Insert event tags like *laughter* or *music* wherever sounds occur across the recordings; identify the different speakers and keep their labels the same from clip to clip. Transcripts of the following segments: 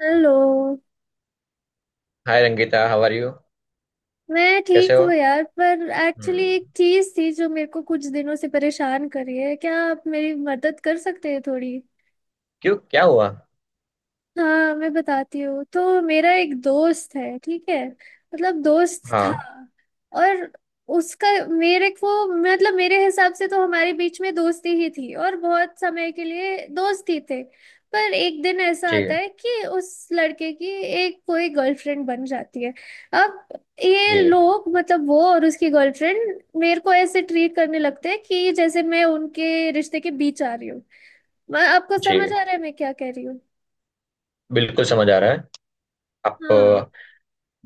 Speaker 1: Hello.
Speaker 2: Hi Rangeeta, how are you?
Speaker 1: मैं
Speaker 2: कैसे
Speaker 1: ठीक
Speaker 2: हो?
Speaker 1: हूँ यार, पर एक्चुअली
Speaker 2: हम्म।
Speaker 1: एक चीज थी जो मेरे को कुछ दिनों से परेशान कर रही है। क्या आप मेरी मदद कर सकते हैं थोड़ी?
Speaker 2: क्यों, क्या हुआ?
Speaker 1: हाँ, मैं बताती हूँ। तो मेरा एक दोस्त है, ठीक है, मतलब दोस्त था।
Speaker 2: हाँ।
Speaker 1: और उसका मेरे को, मतलब मेरे हिसाब से तो हमारे बीच में दोस्ती ही थी, और बहुत समय के लिए दोस्त ही थे। पर एक दिन ऐसा
Speaker 2: जी
Speaker 1: आता है कि उस लड़के की एक कोई गर्लफ्रेंड बन जाती है। अब ये
Speaker 2: जी
Speaker 1: लोग, मतलब वो और उसकी गर्लफ्रेंड, मेरे को ऐसे ट्रीट करने लगते हैं कि जैसे मैं उनके रिश्ते के बीच आ रही हूँ। आपको
Speaker 2: जी,
Speaker 1: समझ आ रहा है मैं क्या कह रही हूँ
Speaker 2: बिल्कुल
Speaker 1: कि?
Speaker 2: समझ आ रहा है। आप
Speaker 1: हाँ,
Speaker 2: अ,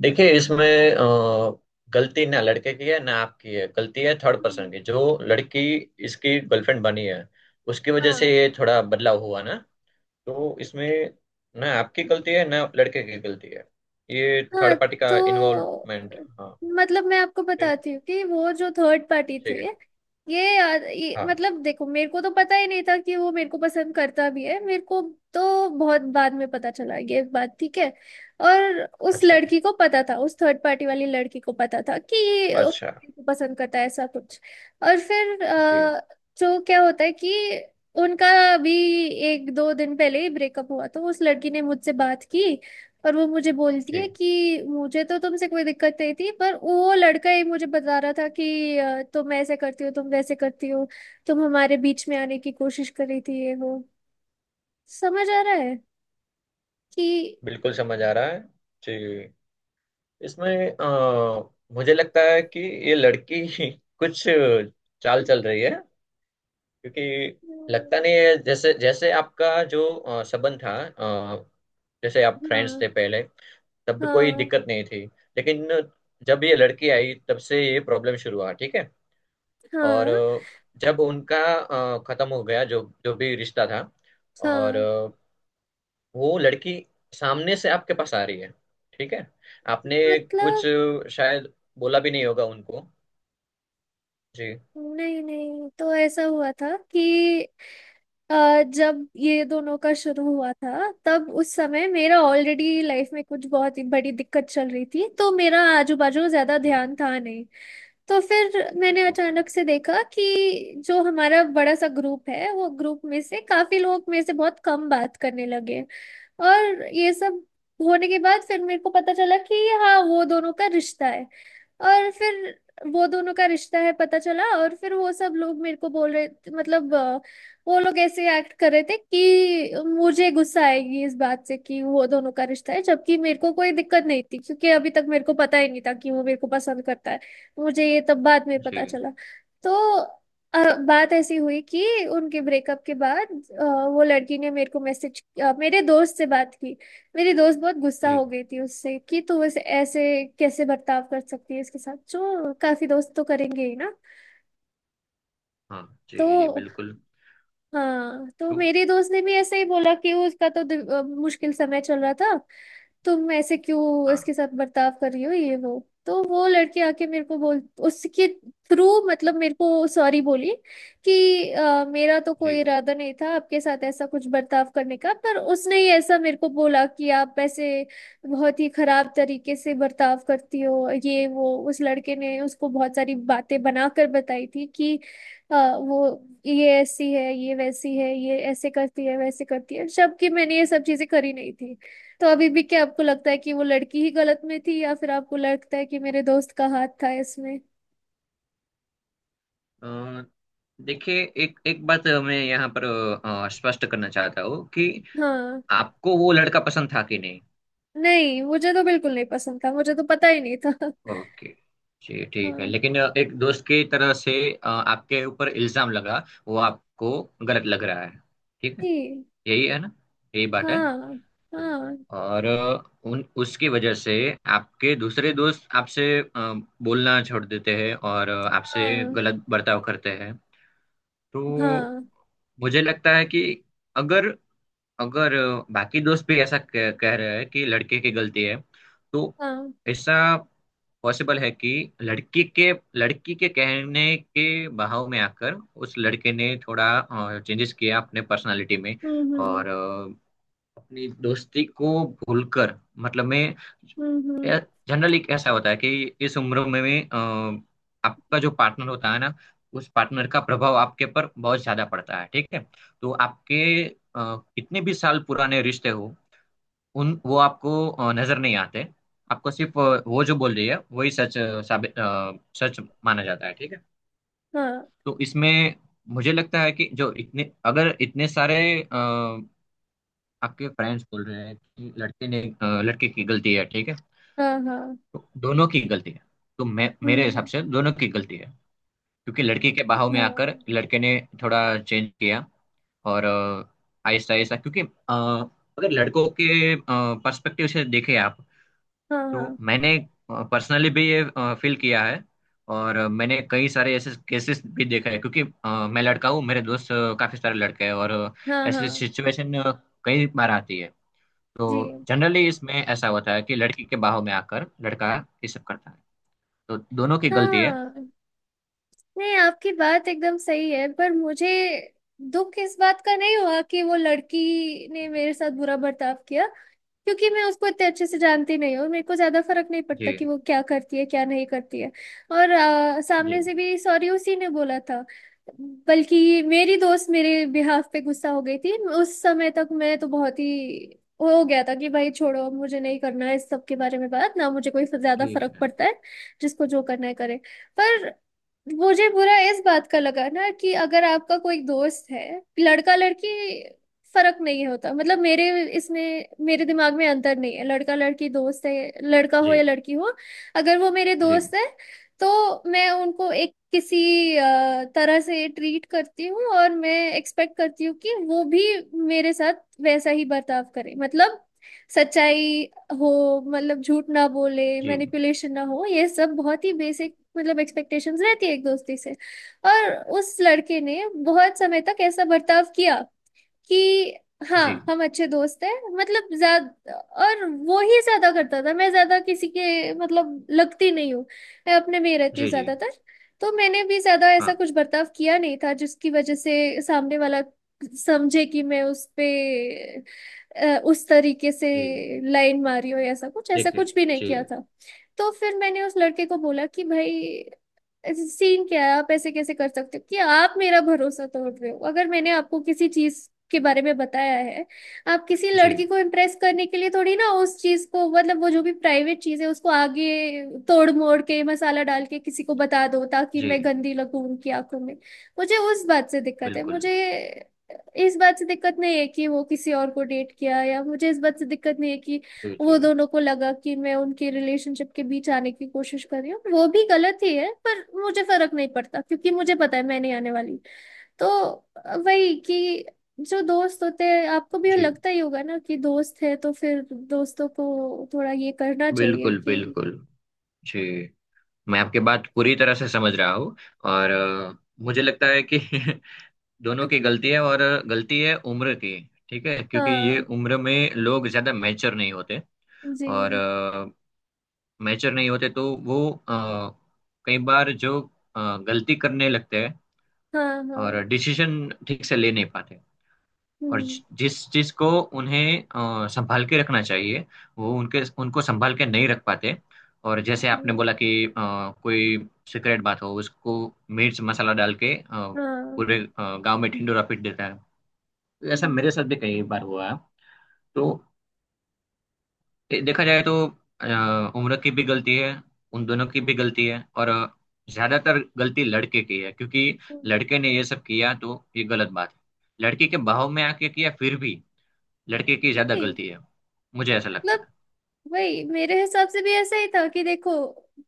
Speaker 2: देखिए इसमें अ, गलती ना लड़के की है ना आपकी है। गलती है थर्ड
Speaker 1: हम्म,
Speaker 2: पर्सन की, जो लड़की इसकी गर्लफ्रेंड बनी है। उसकी वजह से
Speaker 1: हाँ
Speaker 2: ये थोड़ा बदलाव हुआ ना। तो इसमें ना आपकी गलती है ना लड़के की गलती है। ये
Speaker 1: हाँ।
Speaker 2: थर्ड पार्टी का
Speaker 1: तो
Speaker 2: इन्वॉल्वमेंट। हाँ।
Speaker 1: मतलब मैं आपको
Speaker 2: ठीक,
Speaker 1: बताती हूँ कि वो जो थर्ड पार्टी थे,
Speaker 2: ठीक है।
Speaker 1: ये
Speaker 2: हाँ।
Speaker 1: मतलब देखो, मेरे को तो पता ही नहीं था कि वो मेरे को पसंद करता भी है। मेरे को तो बहुत बाद में पता चला ये बात, ठीक है। और उस
Speaker 2: अच्छा,
Speaker 1: लड़की को पता था, उस थर्ड पार्टी वाली लड़की को पता था कि ये
Speaker 2: अच्छा।
Speaker 1: मेरे को पसंद करता है, ऐसा कुछ। और फिर
Speaker 2: जी
Speaker 1: जो क्या होता है कि उनका भी एक दो दिन पहले ही ब्रेकअप हुआ, तो उस लड़की ने मुझसे बात की। और वो मुझे बोलती
Speaker 2: जी,
Speaker 1: है कि मुझे तो तुमसे कोई दिक्कत नहीं थी, पर वो लड़का ही मुझे बता रहा था कि तुम ऐसे करती हो, तुम वैसे करती हो, तुम हमारे बीच में आने की कोशिश कर रही थी, ये वो। समझ आ रहा है कि?
Speaker 2: बिल्कुल समझ आ रहा है। जी, इसमें अ, मुझे लगता है कि ये लड़की ही कुछ चाल चल रही है। क्योंकि लगता नहीं है, जैसे जैसे आपका जो अ, संबंध था, अ, जैसे आप फ्रेंड्स
Speaker 1: हाँ
Speaker 2: थे पहले तब भी कोई
Speaker 1: हाँ
Speaker 2: दिक्कत नहीं थी। लेकिन जब ये लड़की आई तब से ये प्रॉब्लम शुरू हुआ, ठीक है। और
Speaker 1: हाँ
Speaker 2: अ, जब उनका अ, खत्म हो गया, जो जो भी रिश्ता था। और
Speaker 1: हाँ।
Speaker 2: अ, वो लड़की सामने से आपके पास आ रही है, ठीक है। आपने कुछ
Speaker 1: मतलब
Speaker 2: शायद बोला भी नहीं होगा उनको। जी
Speaker 1: नहीं नहीं, तो ऐसा हुआ था कि जब ये दोनों का शुरू हुआ था, तब उस समय मेरा ऑलरेडी लाइफ में कुछ बहुत ही बड़ी दिक्कत चल रही थी, तो मेरा आजू बाजू ज्यादा
Speaker 2: जी।
Speaker 1: ध्यान था नहीं। तो फिर मैंने
Speaker 2: ओके।
Speaker 1: अचानक से देखा कि जो हमारा बड़ा सा ग्रुप है, वो ग्रुप में से काफी लोग मेरे से बहुत कम बात करने लगे। और ये सब होने के बाद फिर मेरे को पता चला कि हाँ, वो दोनों का रिश्ता है। और फिर वो दोनों का रिश्ता है पता चला, और फिर वो सब लोग मेरे को बोल रहे, मतलब वो लोग ऐसे एक्ट कर रहे थे कि मुझे गुस्सा आएगी इस बात से कि वो दोनों का रिश्ता है, जबकि मेरे को कोई दिक्कत नहीं थी, क्योंकि अभी तक मेरे को पता ही नहीं था कि वो मेरे को पसंद करता है। मुझे ये तब बाद में
Speaker 2: जी
Speaker 1: पता चला। तो बात ऐसी हुई कि उनके ब्रेकअप के बाद अ, वो लड़की ने मेरे को मैसेज, मेरे दोस्त से बात की। मेरी दोस्त बहुत गुस्सा
Speaker 2: जी।
Speaker 1: हो गई थी उससे कि तू इस ऐसे कैसे बर्ताव कर सकती है इसके साथ, जो काफी दोस्त तो करेंगे ही ना।
Speaker 2: हाँ, जी जी जी,
Speaker 1: तो
Speaker 2: बिल्कुल।
Speaker 1: हाँ, तो
Speaker 2: तो
Speaker 1: मेरी दोस्त ने भी ऐसे ही बोला कि उसका तो मुश्किल समय चल रहा था, तुम ऐसे क्यों
Speaker 2: हाँ
Speaker 1: इसके साथ बर्ताव कर रही हो, ये वो। तो वो लड़की आके मेरे को बोल, उसके थ्रू, मतलब मेरे को सॉरी बोली कि मेरा तो
Speaker 2: जी।
Speaker 1: कोई इरादा नहीं था आपके साथ ऐसा कुछ बर्ताव करने का, पर उसने ही ऐसा मेरे को बोला कि आप ऐसे बहुत ही खराब तरीके से बर्ताव करती हो, ये वो। उस लड़के ने उसको बहुत सारी बातें बनाकर बताई थी कि वो ये ऐसी है, ये वैसी है, ये ऐसे करती है, वैसे करती है, जबकि मैंने ये सब चीजें करी नहीं थी। तो अभी भी क्या आपको लगता है कि वो लड़की ही गलत में थी, या फिर आपको लगता है कि मेरे दोस्त का हाथ था इसमें?
Speaker 2: अ, देखिए एक एक बात मैं यहाँ पर अ, स्पष्ट करना चाहता हूँ कि
Speaker 1: हाँ
Speaker 2: आपको वो लड़का पसंद था कि नहीं।
Speaker 1: नहीं, मुझे तो बिल्कुल नहीं पसंद था, मुझे तो पता ही नहीं था।
Speaker 2: ओके। जी, ठीक है।
Speaker 1: हाँ।
Speaker 2: लेकिन अ, एक दोस्त की तरह से अ, आपके ऊपर इल्जाम लगा वो आपको गलत लग रहा है, ठीक है।
Speaker 1: जी।
Speaker 2: यही है ना, यही बात है।
Speaker 1: हाँ
Speaker 2: जी।
Speaker 1: हाँ
Speaker 2: और उन उसकी वजह से आपके दूसरे दोस्त आपसे अ, बोलना छोड़ देते हैं और आपसे
Speaker 1: हाँ।
Speaker 2: गलत बर्ताव करते हैं। तो
Speaker 1: हाँ
Speaker 2: मुझे लगता है कि अगर अगर बाकी दोस्त भी ऐसा कह, कह रहे हैं कि लड़के की गलती है। तो
Speaker 1: हाँ।
Speaker 2: ऐसा पॉसिबल है कि लड़की के लड़की के कहने के बहाव में आकर उस लड़के ने थोड़ा चेंजेस किया अपने पर्सनालिटी में।
Speaker 1: हम्म।
Speaker 2: और अपनी दोस्ती को भूलकर। मतलब मैं
Speaker 1: हम्म हम्म,
Speaker 2: जनरली ऐसा होता है कि इस उम्र में भी अ, आपका जो पार्टनर होता है ना, उस पार्टनर का प्रभाव आपके पर बहुत ज्यादा पड़ता है, ठीक है। तो आपके अ, कितने भी साल पुराने रिश्ते हो, उन वो आपको अ, नजर नहीं आते। आपको सिर्फ अ, वो जो बोल रही है वही सच अ, साबित अ, सच माना जाता है, ठीक है।
Speaker 1: हाँ
Speaker 2: तो इसमें मुझे लगता है कि जो इतने अगर इतने सारे आपके फ्रेंड्स बोल रहे हैं कि लड़के ने अ, लड़के की गलती है, ठीक है।
Speaker 1: हाँ हाँ।
Speaker 2: तो दोनों की गलती है। तो मैं मेरे हिसाब
Speaker 1: हम्म।
Speaker 2: से दोनों की गलती है। क्योंकि लड़की के बहाव में आकर
Speaker 1: हाँ
Speaker 2: लड़के ने थोड़ा चेंज किया। और अ, आहिस्ता आहिस्ता क्योंकि अ, अगर लड़कों के पर्सपेक्टिव से देखें आप।
Speaker 1: हाँ
Speaker 2: तो
Speaker 1: हाँ
Speaker 2: मैंने पर्सनली भी ये फील किया है। और अ, मैंने कई सारे ऐसे केसेस भी देखा है क्योंकि अ, मैं लड़का हूँ, मेरे दोस्त अ, काफी सारे लड़के हैं। और अ,
Speaker 1: हाँ।
Speaker 2: ऐसी
Speaker 1: हाँ
Speaker 2: सिचुएशन कई बार आती है। तो
Speaker 1: जी।
Speaker 2: जनरली इसमें ऐसा होता है कि लड़की के बाहों में आकर लड़का ये सब करता है। तो दोनों की गलती है।
Speaker 1: हाँ नहीं, आपकी बात एकदम सही है, पर मुझे दुख इस बात का नहीं हुआ कि वो लड़की ने मेरे साथ बुरा बर्ताव किया, क्योंकि मैं उसको इतने अच्छे से जानती नहीं हूँ, मेरे को ज्यादा फर्क नहीं
Speaker 2: जी
Speaker 1: पड़ता कि वो क्या करती है क्या नहीं करती है। और सामने
Speaker 2: जी,
Speaker 1: से भी सॉरी उसी ने बोला था। बल्कि मेरी दोस्त मेरे बिहाफ पे गुस्सा हो गई थी। उस समय तक मैं तो बहुत ही हो गया था कि भाई छोड़ो, अब मुझे नहीं करना है इस सब के बारे में बात, ना मुझे कोई ज्यादा
Speaker 2: ठीक
Speaker 1: फर्क
Speaker 2: है।
Speaker 1: पड़ता है। जिसको जो करना है करे। पर मुझे बुरा इस बात का लगा ना कि अगर आपका कोई दोस्त है, लड़का लड़की फर्क नहीं होता, मतलब मेरे, इसमें मेरे दिमाग में अंतर नहीं है, लड़का लड़की दोस्त है, लड़का हो
Speaker 2: जी
Speaker 1: या लड़की हो, अगर वो मेरे
Speaker 2: जी
Speaker 1: दोस्त है, तो मैं उनको एक किसी तरह से ट्रीट करती हूँ, और मैं एक्सपेक्ट करती हूँ कि वो भी मेरे साथ वैसा ही बर्ताव करे, मतलब सच्चाई हो, मतलब झूठ ना बोले,
Speaker 2: जी
Speaker 1: मैनिपुलेशन ना हो, ये सब बहुत ही बेसिक मतलब एक्सपेक्टेशंस रहती है एक दोस्ती से। और उस लड़के ने बहुत समय तक ऐसा बर्ताव किया कि
Speaker 2: जी
Speaker 1: हाँ हम अच्छे दोस्त हैं, मतलब ज्यादा, और वो ही ज्यादा करता था, मैं ज्यादा किसी के मतलब लगती नहीं हूँ, मैं अपने में ही रहती हूँ
Speaker 2: जी जी।
Speaker 1: ज्यादातर। तो मैंने भी ज्यादा
Speaker 2: हाँ,
Speaker 1: ऐसा कुछ बर्ताव किया नहीं था जिसकी वजह से सामने वाला समझे कि मैं उस पे उस तरीके से
Speaker 2: जी।
Speaker 1: लाइन मारी हो, या ऐसा कुछ, ऐसा
Speaker 2: देखिए।
Speaker 1: कुछ भी नहीं
Speaker 2: जी
Speaker 1: किया था। तो फिर मैंने उस लड़के को बोला कि भाई ऐसे सीन क्या है, आप ऐसे कैसे कर सकते हो कि आप मेरा भरोसा तोड़ रहे हो? अगर मैंने आपको किसी चीज के बारे में बताया है, आप किसी
Speaker 2: जी
Speaker 1: लड़की को इम्प्रेस करने के लिए थोड़ी ना उस चीज को, मतलब वो जो भी प्राइवेट चीज है, उसको आगे तोड़ मोड़ के मसाला डाल के किसी को बता दो ताकि मैं
Speaker 2: जी,
Speaker 1: गंदी लगूं उनकी आंखों में। मुझे उस बात से दिक्कत है।
Speaker 2: बिल्कुल।
Speaker 1: मुझे इस बात से दिक्कत नहीं है कि वो किसी और को डेट किया, या मुझे इस बात से दिक्कत नहीं है कि
Speaker 2: जी जी
Speaker 1: वो दोनों को लगा कि मैं उनके रिलेशनशिप के बीच आने की कोशिश कर रही हूँ, वो भी गलत ही है, पर मुझे फर्क नहीं पड़ता क्योंकि मुझे पता है मैं नहीं आने वाली। तो वही कि जो दोस्त होते हैं, आपको भी
Speaker 2: जी,
Speaker 1: लगता ही होगा ना कि दोस्त है तो फिर दोस्तों को थोड़ा ये करना चाहिए
Speaker 2: बिल्कुल
Speaker 1: कि...
Speaker 2: बिल्कुल। जी, मैं आपकी बात पूरी तरह से समझ रहा हूँ। और अ, मुझे लगता है कि *laughs* दोनों की गलती है, और गलती है उम्र की। ठीक है, क्योंकि ये
Speaker 1: हाँ
Speaker 2: उम्र में लोग ज्यादा मैच्योर नहीं होते। और
Speaker 1: जी
Speaker 2: मैच्योर नहीं होते तो वो अ, कई बार जो अ, गलती करने लगते हैं।
Speaker 1: हाँ
Speaker 2: और
Speaker 1: हाँ।
Speaker 2: डिसीजन ठीक से ले नहीं पाते। और
Speaker 1: हम्म।
Speaker 2: जि- जिस चीज को उन्हें अ, संभाल के रखना चाहिए, वो उनके उनको संभाल के नहीं रख पाते। और जैसे आपने
Speaker 1: जी
Speaker 2: बोला कि अ, कोई सीक्रेट बात हो, उसको मिर्च मसाला डाल के अ,
Speaker 1: हाँ।
Speaker 2: पूरे अ, गांव में ढिंडोरा पीट देता है। तो ऐसा
Speaker 1: हम्म
Speaker 2: मेरे साथ भी कई बार हुआ है। तो दे- देखा जाए तो अ, उम्र की भी गलती है, उन दोनों की भी गलती है। और अ, ज्यादातर गलती लड़के की है, क्योंकि
Speaker 1: हम्म।
Speaker 2: लड़के ने ये सब किया तो ये गलत बात है। लड़की के बहाव में आके किया फिर भी लड़के की ज्यादा
Speaker 1: जी,
Speaker 2: गलती है, मुझे ऐसा लगता
Speaker 1: मतलब
Speaker 2: है।
Speaker 1: वही मेरे हिसाब से भी ऐसा ही था कि देखो,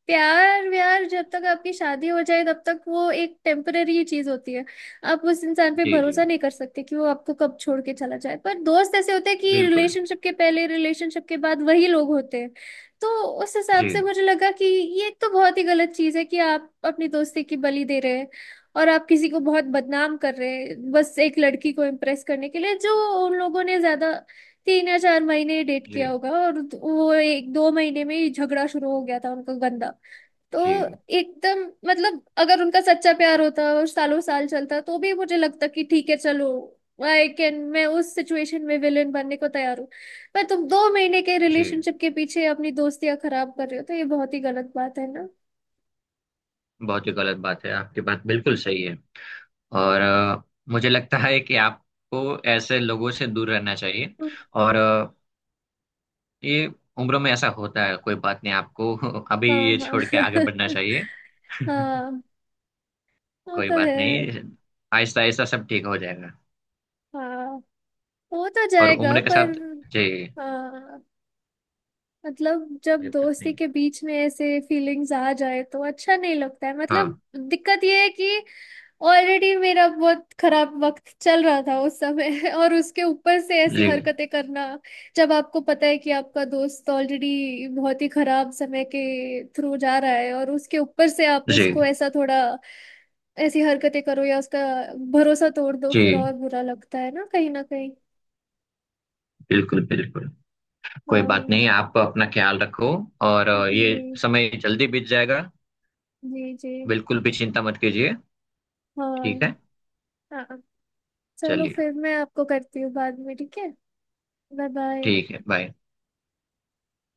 Speaker 1: प्यार व्यार जब तक आपकी शादी हो जाए तब तक वो एक टेम्पररी चीज होती है। आप उस इंसान पे
Speaker 2: जी जी,
Speaker 1: भरोसा नहीं कर सकते कि वो आपको कब छोड़ के चला जाए, पर दोस्त ऐसे होते हैं कि
Speaker 2: बिल्कुल।
Speaker 1: रिलेशनशिप के पहले, रिलेशनशिप के बाद वही लोग होते हैं। तो उस हिसाब
Speaker 2: जी
Speaker 1: से मुझे लगा कि ये एक तो बहुत ही गलत चीज है कि आप अपनी दोस्ती की बलि दे रहे हैं, और आप किसी को बहुत बदनाम कर रहे हैं बस एक लड़की को इम्प्रेस करने के लिए, जो उन लोगों ने ज्यादा 3 या 4 महीने डेट
Speaker 2: जी
Speaker 1: किया होगा, और वो एक दो महीने में ही झगड़ा शुरू हो गया था उनका गंदा। तो
Speaker 2: जी
Speaker 1: एकदम मतलब अगर उनका सच्चा प्यार होता और सालों साल चलता तो भी मुझे लगता कि ठीक है चलो, आई कैन, मैं उस सिचुएशन में विलेन बनने को तैयार हूँ। पर तुम 2 महीने के
Speaker 2: जी,
Speaker 1: रिलेशनशिप के पीछे अपनी दोस्तियां खराब कर रहे हो, तो ये बहुत ही गलत बात है ना।
Speaker 2: बहुत ही गलत बात है, आपकी बात बिल्कुल सही है। और अ, मुझे लगता है कि आपको ऐसे लोगों से दूर रहना चाहिए। और ये उम्र में ऐसा होता है, कोई बात नहीं, आपको *laughs* अभी
Speaker 1: हाँ
Speaker 2: ये
Speaker 1: हाँ
Speaker 2: छोड़ के आगे
Speaker 1: *laughs*
Speaker 2: बढ़ना चाहिए। *laughs*
Speaker 1: हाँ, वो
Speaker 2: कोई
Speaker 1: तो
Speaker 2: बात
Speaker 1: है।
Speaker 2: नहीं, आहिस्ता आहिस्ता सब ठीक हो जाएगा।
Speaker 1: हाँ, हो तो
Speaker 2: और
Speaker 1: जाएगा,
Speaker 2: उम्र के
Speaker 1: पर
Speaker 2: साथ। जी।
Speaker 1: हाँ, मतलब जब
Speaker 2: कोई बात
Speaker 1: दोस्ती
Speaker 2: नहीं।
Speaker 1: के बीच में ऐसे फीलिंग्स आ जाए तो अच्छा नहीं लगता है, मतलब
Speaker 2: हाँ।
Speaker 1: दिक्कत ये है कि ऑलरेडी मेरा बहुत खराब वक्त चल रहा था उस समय *laughs* और उसके ऊपर से ऐसी
Speaker 2: जी
Speaker 1: हरकतें करना। जब आपको पता है कि आपका दोस्त ऑलरेडी बहुत ही खराब समय के थ्रू जा रहा है और उसके ऊपर से आप
Speaker 2: जी
Speaker 1: उसको ऐसा थोड़ा ऐसी हरकतें करो या उसका भरोसा तोड़ दो, फिर और
Speaker 2: जी,
Speaker 1: बुरा लगता है ना कहीं ना कहीं।
Speaker 2: बिल्कुल बिल्कुल। कोई बात
Speaker 1: हाँ
Speaker 2: नहीं, आप अपना ख्याल रखो। और ये
Speaker 1: जी
Speaker 2: समय जल्दी बीत जाएगा।
Speaker 1: जी जी।
Speaker 2: बिल्कुल भी चिंता मत कीजिए, ठीक
Speaker 1: हाँ
Speaker 2: है।
Speaker 1: हाँ, चलो
Speaker 2: चलिए।
Speaker 1: फिर मैं आपको करती हूँ बाद में, ठीक है। Bye bye.
Speaker 2: ठीक है, बाय।